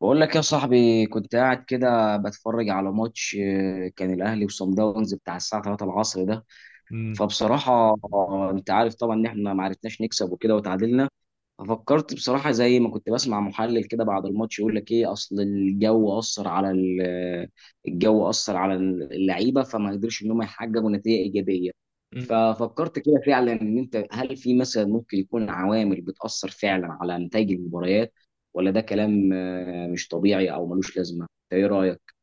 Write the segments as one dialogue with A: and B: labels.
A: بقول لك يا صاحبي كنت قاعد كده بتفرج على ماتش، كان الاهلي وصن داونز بتاع الساعه 3 العصر ده.
B: مم.
A: فبصراحه، انت عارف طبعا ان احنا ما عرفناش نكسب وكده وتعادلنا. ففكرت بصراحة زي ما كنت بسمع محلل كده بعد الماتش يقول لك ايه، اصل الجو اثر على الجو اثر على اللعيبة فما قدرش ان هم يحققوا نتيجة ايجابية.
B: مم.
A: ففكرت كده فعلا ان انت هل في مثلا ممكن يكون عوامل بتأثر فعلا على نتائج المباريات، ولا ده كلام مش طبيعي او ملوش لازمة؟ إنت ايه رأيك؟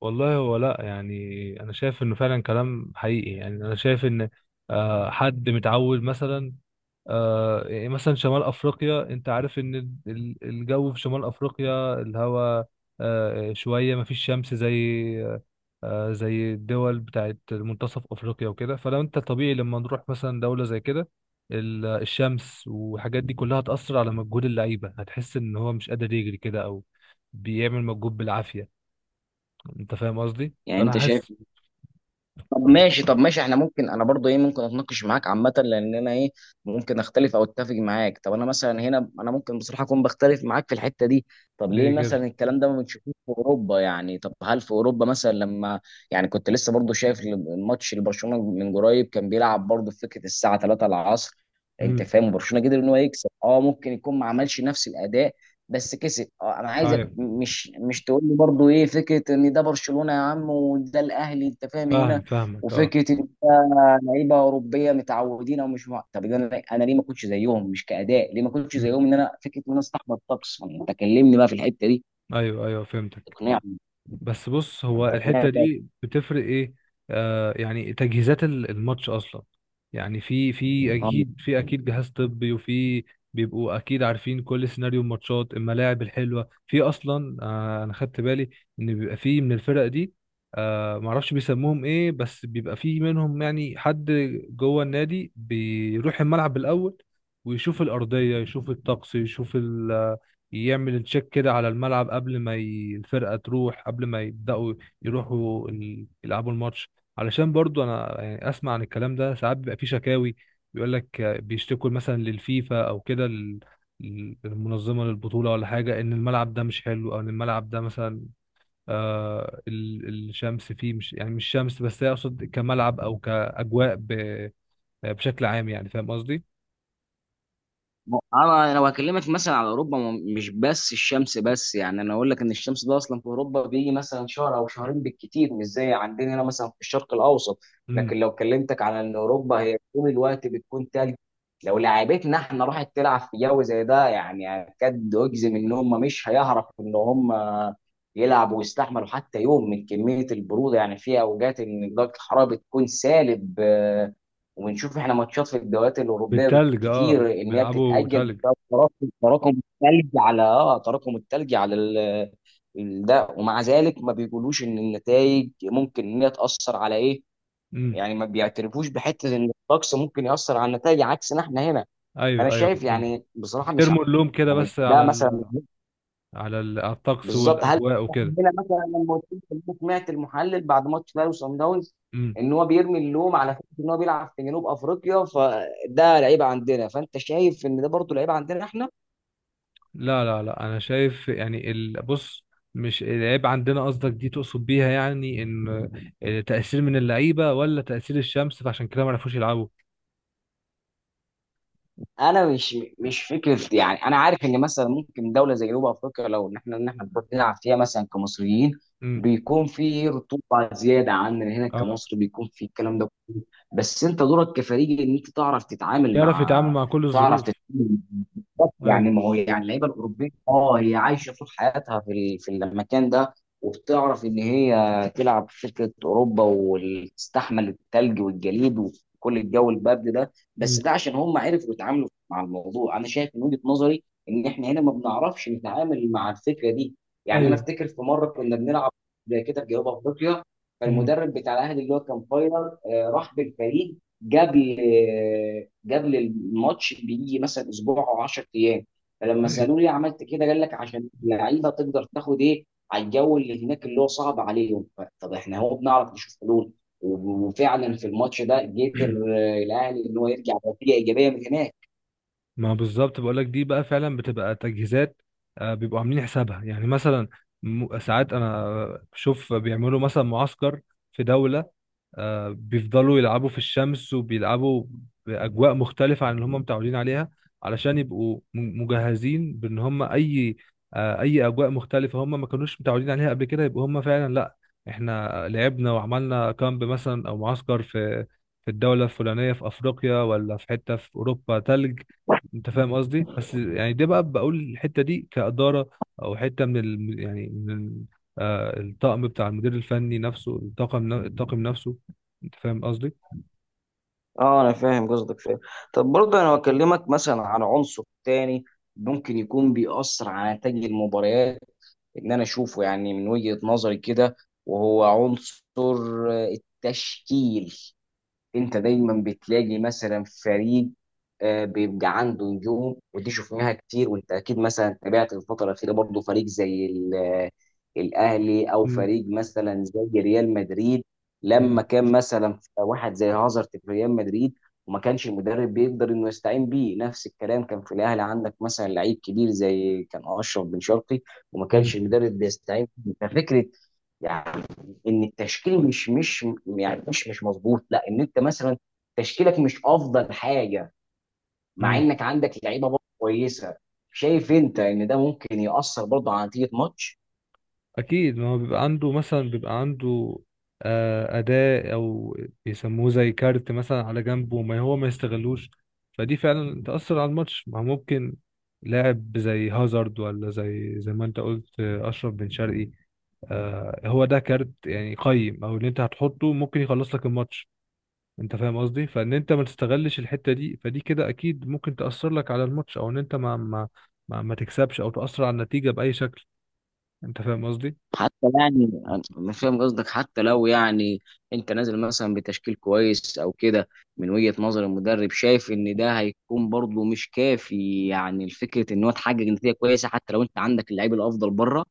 B: والله، هو لا يعني انا شايف انه فعلا كلام حقيقي. يعني انا شايف ان حد متعود مثلا. يعني مثلا شمال افريقيا، انت عارف ان الجو في شمال افريقيا الهواء شويه، ما فيش شمس زي الدول بتاعت منتصف افريقيا وكده. فلو انت طبيعي، لما نروح مثلا دوله زي كده، الشمس والحاجات دي كلها هتأثر على مجهود اللعيبه. هتحس ان هو مش قادر يجري كده، او بيعمل مجهود بالعافيه. انت فاهم قصدي؟
A: يعني
B: فانا
A: انت شايف.
B: حاسس.
A: طب ماشي، طب ماشي، احنا ممكن انا برضو ايه، ممكن اتناقش معاك عامه لان انا ايه، ممكن اختلف او اتفق معاك. طب انا مثلا هنا انا ممكن بصراحه اكون بختلف معاك في الحته دي. طب ليه
B: ليه كده؟
A: مثلا الكلام ده ما بنشوفوش في اوروبا؟ يعني طب هل في اوروبا مثلا لما يعني كنت لسه برضو شايف الماتش لبرشلونه من قريب، كان بيلعب برضو في فكره الساعه 3 العصر. انت
B: امم.
A: فاهم، برشلونه قدر ان هو يكسب. اه ممكن يكون ما عملش نفس الاداء بس كسب. اه انا عايزك
B: ايوه،
A: مش تقول لي برضو ايه فكره ان ده برشلونه يا عم وده الاهلي، انت فاهم
B: فاهم
A: هنا.
B: فاهمك. اه.
A: وفكره ان إحنا لعيبه اوروبيه متعودين او مش مع، طب إذا انا ليه ما كنتش زيهم؟ مش كاداء، ليه ما كنتش
B: امم.
A: زيهم ان انا فكره ان انا استحمل الطقس؟ ما انت كلمني بقى في الحته دي.
B: ايوه، ايوه، فهمتك.
A: تقنعني،
B: بس بص، هو
A: انت تقنعني
B: الحتة
A: بقى.
B: دي بتفرق ايه؟ يعني تجهيزات الماتش اصلا. يعني في اكيد، جهاز طبي وفي. بيبقوا اكيد عارفين كل سيناريو الماتشات، الملاعب الحلوة في اصلا. انا خدت بالي ان بيبقى في من الفرق دي. معرفش بيسموهم ايه، بس بيبقى في منهم، يعني حد جوه النادي بيروح الملعب الاول ويشوف الأرضية، يشوف الطقس، يشوف، يعمل تشيك كده على الملعب قبل ما الفرقة تروح، قبل ما يبدأوا، يروحوا يلعبوا الماتش. علشان برضو انا يعني اسمع عن الكلام ده ساعات بيبقى في شكاوي، بيقول لك بيشتكوا مثلا للفيفا او كده للمنظمة، للبطولة، ولا حاجة، ان الملعب ده مش حلو، او ان الملعب ده مثلا الشمس فيه، مش يعني مش شمس بس، هي اقصد كملعب او كأجواء بشكل عام. يعني فاهم قصدي؟
A: انا لو هكلمك مثلا على اوروبا، مش بس الشمس بس، يعني انا اقول لك ان الشمس ده اصلا في اوروبا بيجي مثلا شهر او شهرين بالكتير، مش زي عندنا هنا مثلا في الشرق الاوسط.
B: امم.
A: لكن لو كلمتك على ان اوروبا هي طول الوقت بتكون تلج، لو لعيبتنا احنا راحت تلعب في جو زي ده، يعني اكاد اجزم ان هم مش هيعرفوا ان هم يلعبوا ويستحملوا حتى يوم من كميه البروده. يعني في اوجات ان درجه الحراره بتكون سالب وبنشوف احنا ماتشات في الدوريات الاوروبيه
B: بالتلج،
A: كتير ان هي
B: بيلعبوا
A: بتتاجل
B: تلج.
A: بسبب تراكم الثلج على اه تراكم الثلج على ده، ومع ذلك ما بيقولوش ان النتائج ممكن ان هي تاثر على ايه.
B: امم.
A: يعني ما بيعترفوش بحته ان الطقس ممكن ياثر على النتائج عكسنا احنا هنا. فانا
B: ايوه ايوه
A: شايف
B: فهمت.
A: يعني بصراحه مش عارف،
B: ترموا اللوم كده
A: يعني
B: بس
A: ده
B: على
A: مثلا
B: الطقس
A: بالظبط. هل
B: والاجواء وكده.
A: هنا مثلا لما قلت لك إن أنا سمعت المحلل بعد ماتش الاهلي وصن داونز
B: امم.
A: ان هو بيرمي اللوم على فكره ان هو بيلعب في جنوب افريقيا فده لعيبه عندنا، فانت شايف ان ده برضه لعيبه عندنا احنا؟
B: لا لا لا، انا شايف يعني بص، مش العيب عندنا قصدك؟ دي تقصد بيها يعني ان تأثير من اللعيبه، ولا تأثير الشمس فعشان كده ما عرفوش يلعبوا؟
A: انا مش فكره، يعني انا عارف ان مثلا ممكن دوله زي جنوب افريقيا لو ان احنا بنروح نلعب فيها مثلا كمصريين
B: امم.
A: بيكون في رطوبه زياده عننا هنا
B: اه،
A: كمصر، بيكون في الكلام ده كله. بس انت دورك كفريق ان انت تعرف تتعامل
B: يعرف يتعامل
A: مع،
B: مع كل
A: تعرف
B: الظروف.
A: تتعامل مع،
B: ايوه.
A: يعني ما هو يعني اللعيبه الاوروبيه اه هي عايشه طول حياتها في في المكان ده، وبتعرف ان هي تلعب في فكره اوروبا وتستحمل الثلج والجليد وكل الجو البارد ده، بس
B: امم.
A: ده عشان هم عرفوا يتعاملوا مع الموضوع. انا شايف من وجهة نظري ان احنا هنا ما بنعرفش نتعامل مع الفكره دي. يعني انا
B: ايوه.
A: افتكر في مره كنا بنلعب زي كده في جنوب افريقيا،
B: امم.
A: فالمدرب بتاع الاهلي اللي هو كان فايلر، راح بالفريق قبل، قبل الماتش بيجي مثلا اسبوع او 10 ايام. فلما
B: ايوه.
A: سالوه ليه عملت كده قال لك عشان اللعيبه تقدر تاخد ايه على الجو اللي هناك اللي هو صعب عليهم. طب احنا هو بنعرف نشوف حلول، وفعلا في الماتش ده قدر الاهلي ان هو يرجع بنتيجه ايجابيه من هناك.
B: ما بالظبط بقول لك، دي بقى فعلا بتبقى تجهيزات. بيبقوا عاملين حسابها، يعني مثلا ساعات انا بشوف بيعملوا مثلا معسكر في دولة. بيفضلوا يلعبوا في الشمس، وبيلعبوا بأجواء مختلفة عن اللي هم متعودين عليها، علشان يبقوا مجهزين بأن هم أي أجواء مختلفة هم ما كانوش متعودين عليها قبل كده، يبقوا هم فعلا لأ، إحنا لعبنا وعملنا كامب مثلا أو معسكر في الدولة الفلانية في أفريقيا، ولا في حتة في أوروبا تلج. أنت فاهم قصدي؟ بس يعني ده بقى بقول الحتة دي كإدارة، أو حتة من يعني من الطقم بتاع المدير الفني نفسه. الطاقم نفسه. انت فاهم قصدي؟
A: اه انا فاهم قصدك، فاهم. طب برضه انا بكلمك مثلا عن عنصر تاني ممكن يكون بيأثر على نتائج المباريات ان انا اشوفه يعني من وجهة نظري كده، وهو عنصر التشكيل. انت دايما بتلاقي مثلا فريق، بيبقى عنده نجوم، ودي شفناها كتير. وانت اكيد مثلا تابعت الفتره الاخيره برضه فريق زي الاهلي او
B: مم.
A: فريق مثلا زي ريال مدريد لما
B: مم.
A: كان مثلا واحد زي هازارد في ريال مدريد وما كانش المدرب بيقدر انه يستعين بيه. نفس الكلام كان في الاهلي، عندك مثلا لعيب كبير زي كان اشرف بن شرقي وما
B: مم.
A: كانش المدرب بيستعين بيه. ففكره يعني ان التشكيل مش يعني مش مظبوط، لا ان انت مثلا تشكيلك مش افضل حاجه مع
B: مم.
A: انك عندك لعيبه برضه كويسه. شايف انت ان ده ممكن ياثر برضه على نتيجه ماتش؟
B: اكيد، ما هو بيبقى عنده مثلا، بيبقى عنده اداة، او بيسموه زي كارت مثلا على جنبه، ما هو ما يستغلوش. فدي فعلا تأثر على الماتش. ما هو ممكن لاعب زي هازارد، ولا زي ما انت قلت، اشرف بن شرقي. هو ده كارت يعني قيم، او اللي انت هتحطه ممكن يخلص لك الماتش. انت فاهم قصدي؟ فان انت ما تستغلش الحته دي، فدي كده اكيد ممكن تاثر لك على الماتش، او ان انت ما تكسبش، او تاثر على النتيجه باي شكل. انت فاهم قصدي؟
A: حتى يعني انا فاهم قصدك. حتى لو يعني انت نازل مثلا بتشكيل كويس او كده من وجهه نظر المدرب، شايف ان ده هيكون برضه مش كافي يعني الفكره ان هو تحقق نتيجه كويسه حتى لو انت عندك اللعيب الافضل بره.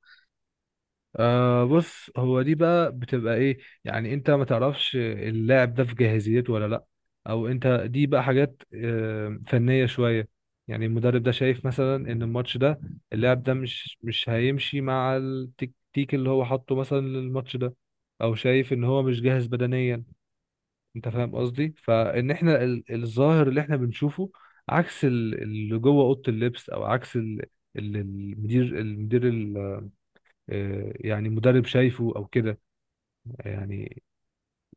B: بص، هو دي بقى بتبقى ايه؟ يعني انت ما تعرفش اللاعب ده في جاهزيته ولا لا، او انت دي بقى حاجات فنيه شويه. يعني المدرب ده شايف مثلا ان الماتش ده، اللاعب ده مش هيمشي مع التكتيك اللي هو حاطه مثلا للماتش ده، او شايف ان هو مش جاهز بدنيا. انت فاهم قصدي؟ فان احنا الظاهر اللي احنا بنشوفه عكس اللي جوه اوضه اللبس، او عكس اللي المدير يعني مدرب شايفه او كده. يعني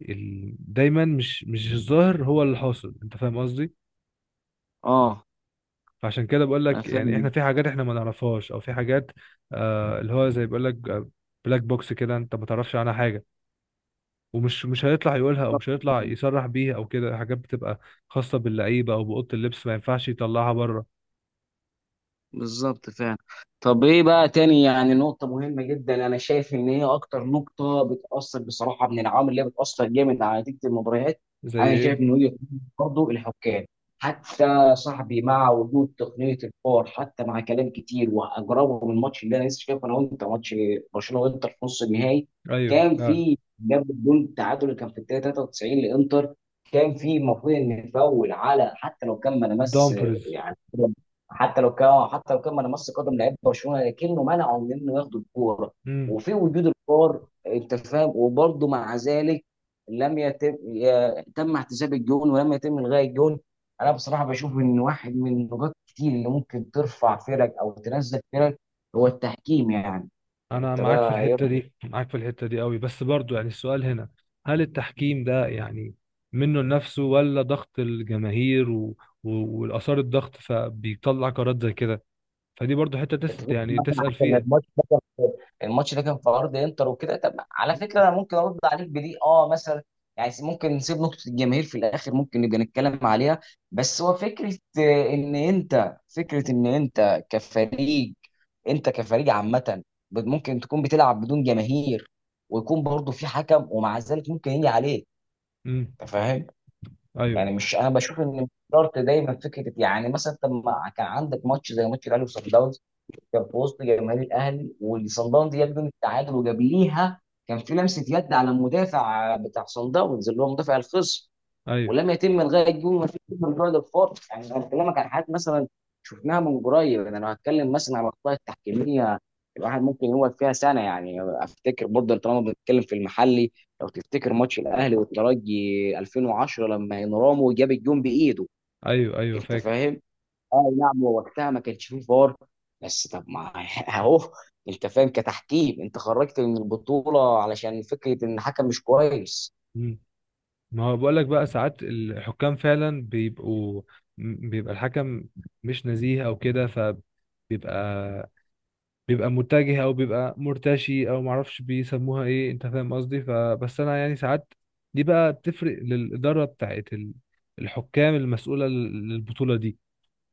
B: دايما مش الظاهر هو اللي حاصل. انت فاهم قصدي؟
A: اه
B: فعشان كده بقول
A: انا
B: لك يعني احنا
A: فاهم.
B: في حاجات احنا ما نعرفهاش، او في حاجات اللي هو زي بقول لك بلاك بوكس كده، انت ما تعرفش عنها حاجه، ومش مش هيطلع يقولها، او
A: بالظبط.
B: مش هيطلع يصرح بيها، او كده. حاجات بتبقى خاصه باللعيبه او باوضه اللبس، ما ينفعش يطلعها بره.
A: بالظبط فعلا. طب ايه بقى تاني، يعني نقطة مهمة جدا انا شايف ان هي اكتر نقطة بتأثر بصراحة من العوامل اللي هي بتأثر جامد على نتيجة المباريات.
B: زي
A: انا
B: ايه؟
A: شايف ان هي برضه الحكام. حتى صاحبي مع وجود تقنية الفار، حتى مع كلام كتير واجربه من الماتش اللي انا لسه شايفه انا وانت، ماتش برشلونة وانتر في نص النهائي،
B: ايوه
A: كان
B: فعلا.
A: في جاب الجون التعادل اللي كان في الدقيقة 93 لانتر. كان في المفروض ان فاول على حتى لو كان ما لمس،
B: الدامبرز.
A: يعني حتى لو كان، حتى لو كان من مس قدم لعيب برشلونه لكنه منعه من انه ياخد الكوره
B: امم.
A: وفي وجود الفار، انت فاهم، وبرضه مع ذلك لم يتم يا- تم احتساب الجون ولم يتم الغاء الجون. انا بصراحه بشوف ان واحد من النقاط كتير اللي ممكن ترفع فرق او تنزل فرق هو التحكيم. يعني
B: انا
A: انت
B: معاك في
A: بقى
B: الحته
A: يرفع.
B: دي، معاك في الحته دي قوي. بس برضو يعني السؤال هنا، هل التحكيم ده يعني منه لنفسه، ولا ضغط الجماهير و... والاثار الضغط فبيطلع قرارات زي كده؟ فدي برضو حته
A: انت ممكن
B: يعني
A: مثلا
B: تسأل
A: عشان
B: فيها.
A: الماتش ده كان في ارض انتر وكده. طب على فكره انا ممكن ارد عليك بدي اه مثلا، يعني ممكن نسيب نقطه الجماهير في الاخر ممكن نبقى نتكلم عليها. بس هو فكره ان انت فكره ان انت كفريق، انت كفريق عامه، ممكن تكون بتلعب بدون جماهير ويكون برضه في حكم ومع ذلك ممكن يجي عليك،
B: امم.
A: انت فاهم. يعني
B: ايوه
A: مش، انا بشوف ان مش شرط دايما فكره، يعني مثلا طب ما كان عندك ماتش زي ماتش الاهلي وصن داونز، كان في وسط جماهير الاهلي وصن داونز جاب جون التعادل وجابليها، كان في لمسه يد على المدافع بتاع صن داونز اللي هو مدافع الخصم
B: ايوه.
A: ولم يتم الغاء الجون. ما فيش من بعد الخط. يعني انا بكلمك عن حاجات مثلا شفناها من قريب. انا لو هتكلم مثلا على الاخطاء التحكيميه الواحد ممكن يقعد فيها سنه. يعني افتكر برضه طالما بنتكلم في المحلي، لو تفتكر ماتش الاهلي والترجي 2010 لما انرامو جاب الجون بايده،
B: ايوه ايوه
A: انت
B: فاكر.
A: فاهم. اه نعم هو وقتها ما كانش فيه فار بس طب ما اهو، انت فاهم، كتحكيم انت خرجت من البطوله علشان فكره ان الحكم مش كويس.
B: امم. ما هو بقول لك بقى ساعات الحكام فعلا بيبقى الحكم مش نزيه او كده، فبيبقى متجه، او بيبقى مرتشي، او معرفش بيسموها ايه. انت فاهم قصدي؟ فبس انا يعني ساعات، دي بقى بتفرق للاداره بتاعت الحكام المسؤوله للبطوله دي.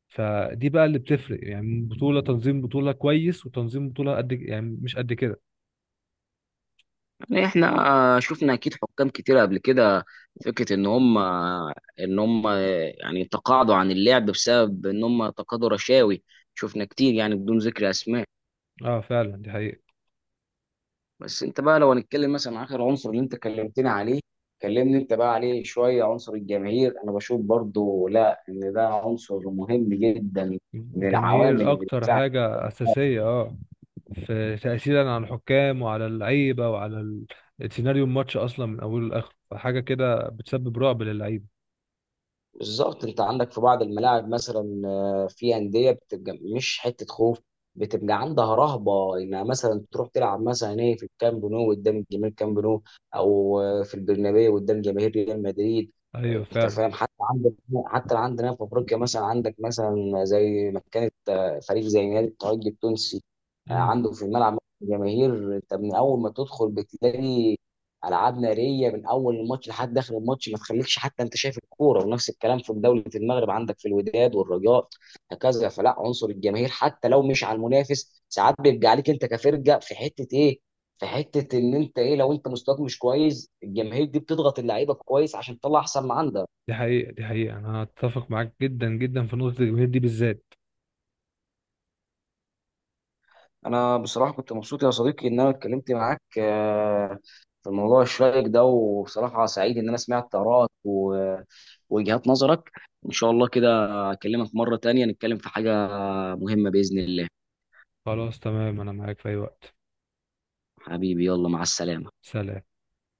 B: فدي بقى اللي بتفرق، يعني بطوله تنظيم بطوله كويس، وتنظيم بطوله قد يعني مش قد كده.
A: يعني احنا شفنا اكيد حكام كتير قبل كده فكره ان هم يعني تقاعدوا عن اللعب بسبب ان هم تقاضوا رشاوي. شفنا كتير يعني بدون ذكر اسماء.
B: اه فعلا، دي حقيقه.
A: بس انت بقى لو هنتكلم مثلا عن اخر عنصر اللي انت كلمتني عليه، كلمني انت بقى عليه شويه. عنصر الجماهير انا بشوف برضو لا ان ده عنصر مهم جدا من العوامل
B: الجماهير
A: اللي
B: اكتر
A: بتساعد.
B: حاجه اساسيه، اه، في تاثيرا على الحكام وعلى اللعيبه وعلى سيناريو الماتش اصلا من اوله لاخره. فحاجه كده بتسبب رعب للعيبه.
A: بالظبط انت عندك في بعض الملاعب مثلا، في انديه بتبقى مش حته خوف، بتبقى عندها رهبه انها مثلا تروح تلعب مثلا ايه في الكامب نو قدام جماهير كامب نو، او في البرنابيو قدام جماهير ريال مدريد،
B: ايوه
A: انت
B: فعلا.
A: فاهم. حتى عندك، حتى عندنا في افريقيا مثلا عندك مثلا زي ما كانت، فريق زي نادي الترجي التونسي،
B: مم.
A: عنده في الملعب جماهير، انت من اول ما تدخل بتلاقي العاب ناريه من اول الماتش لحد اخر الماتش ما تخليكش حتى انت شايف الكوره. ونفس الكلام في دوله المغرب، عندك في الوداد والرجاء هكذا. فلا عنصر الجماهير حتى لو مش على المنافس ساعات بيبقى عليك انت كفرقه في حته ايه، في حته ان انت ايه لو انت مستواك مش كويس الجماهير دي بتضغط اللعيبه كويس عشان تطلع احسن ما عندها.
B: دي حقيقة، دي حقيقة، أنا أتفق معاك جدا جدا في نقطة الجماهير دي بالذات.
A: انا بصراحه كنت مبسوط يا صديقي ان انا اتكلمت معاك، في الموضوع الشائك ده، وبصراحه سعيد ان انا سمعت آرائك ووجهات نظرك. ان شاء الله كده اكلمك مره تانية نتكلم في حاجه مهمه باذن الله.
B: خلاص تمام، أنا معاك في أي وقت.
A: حبيبي يلا مع السلامه.
B: سلام.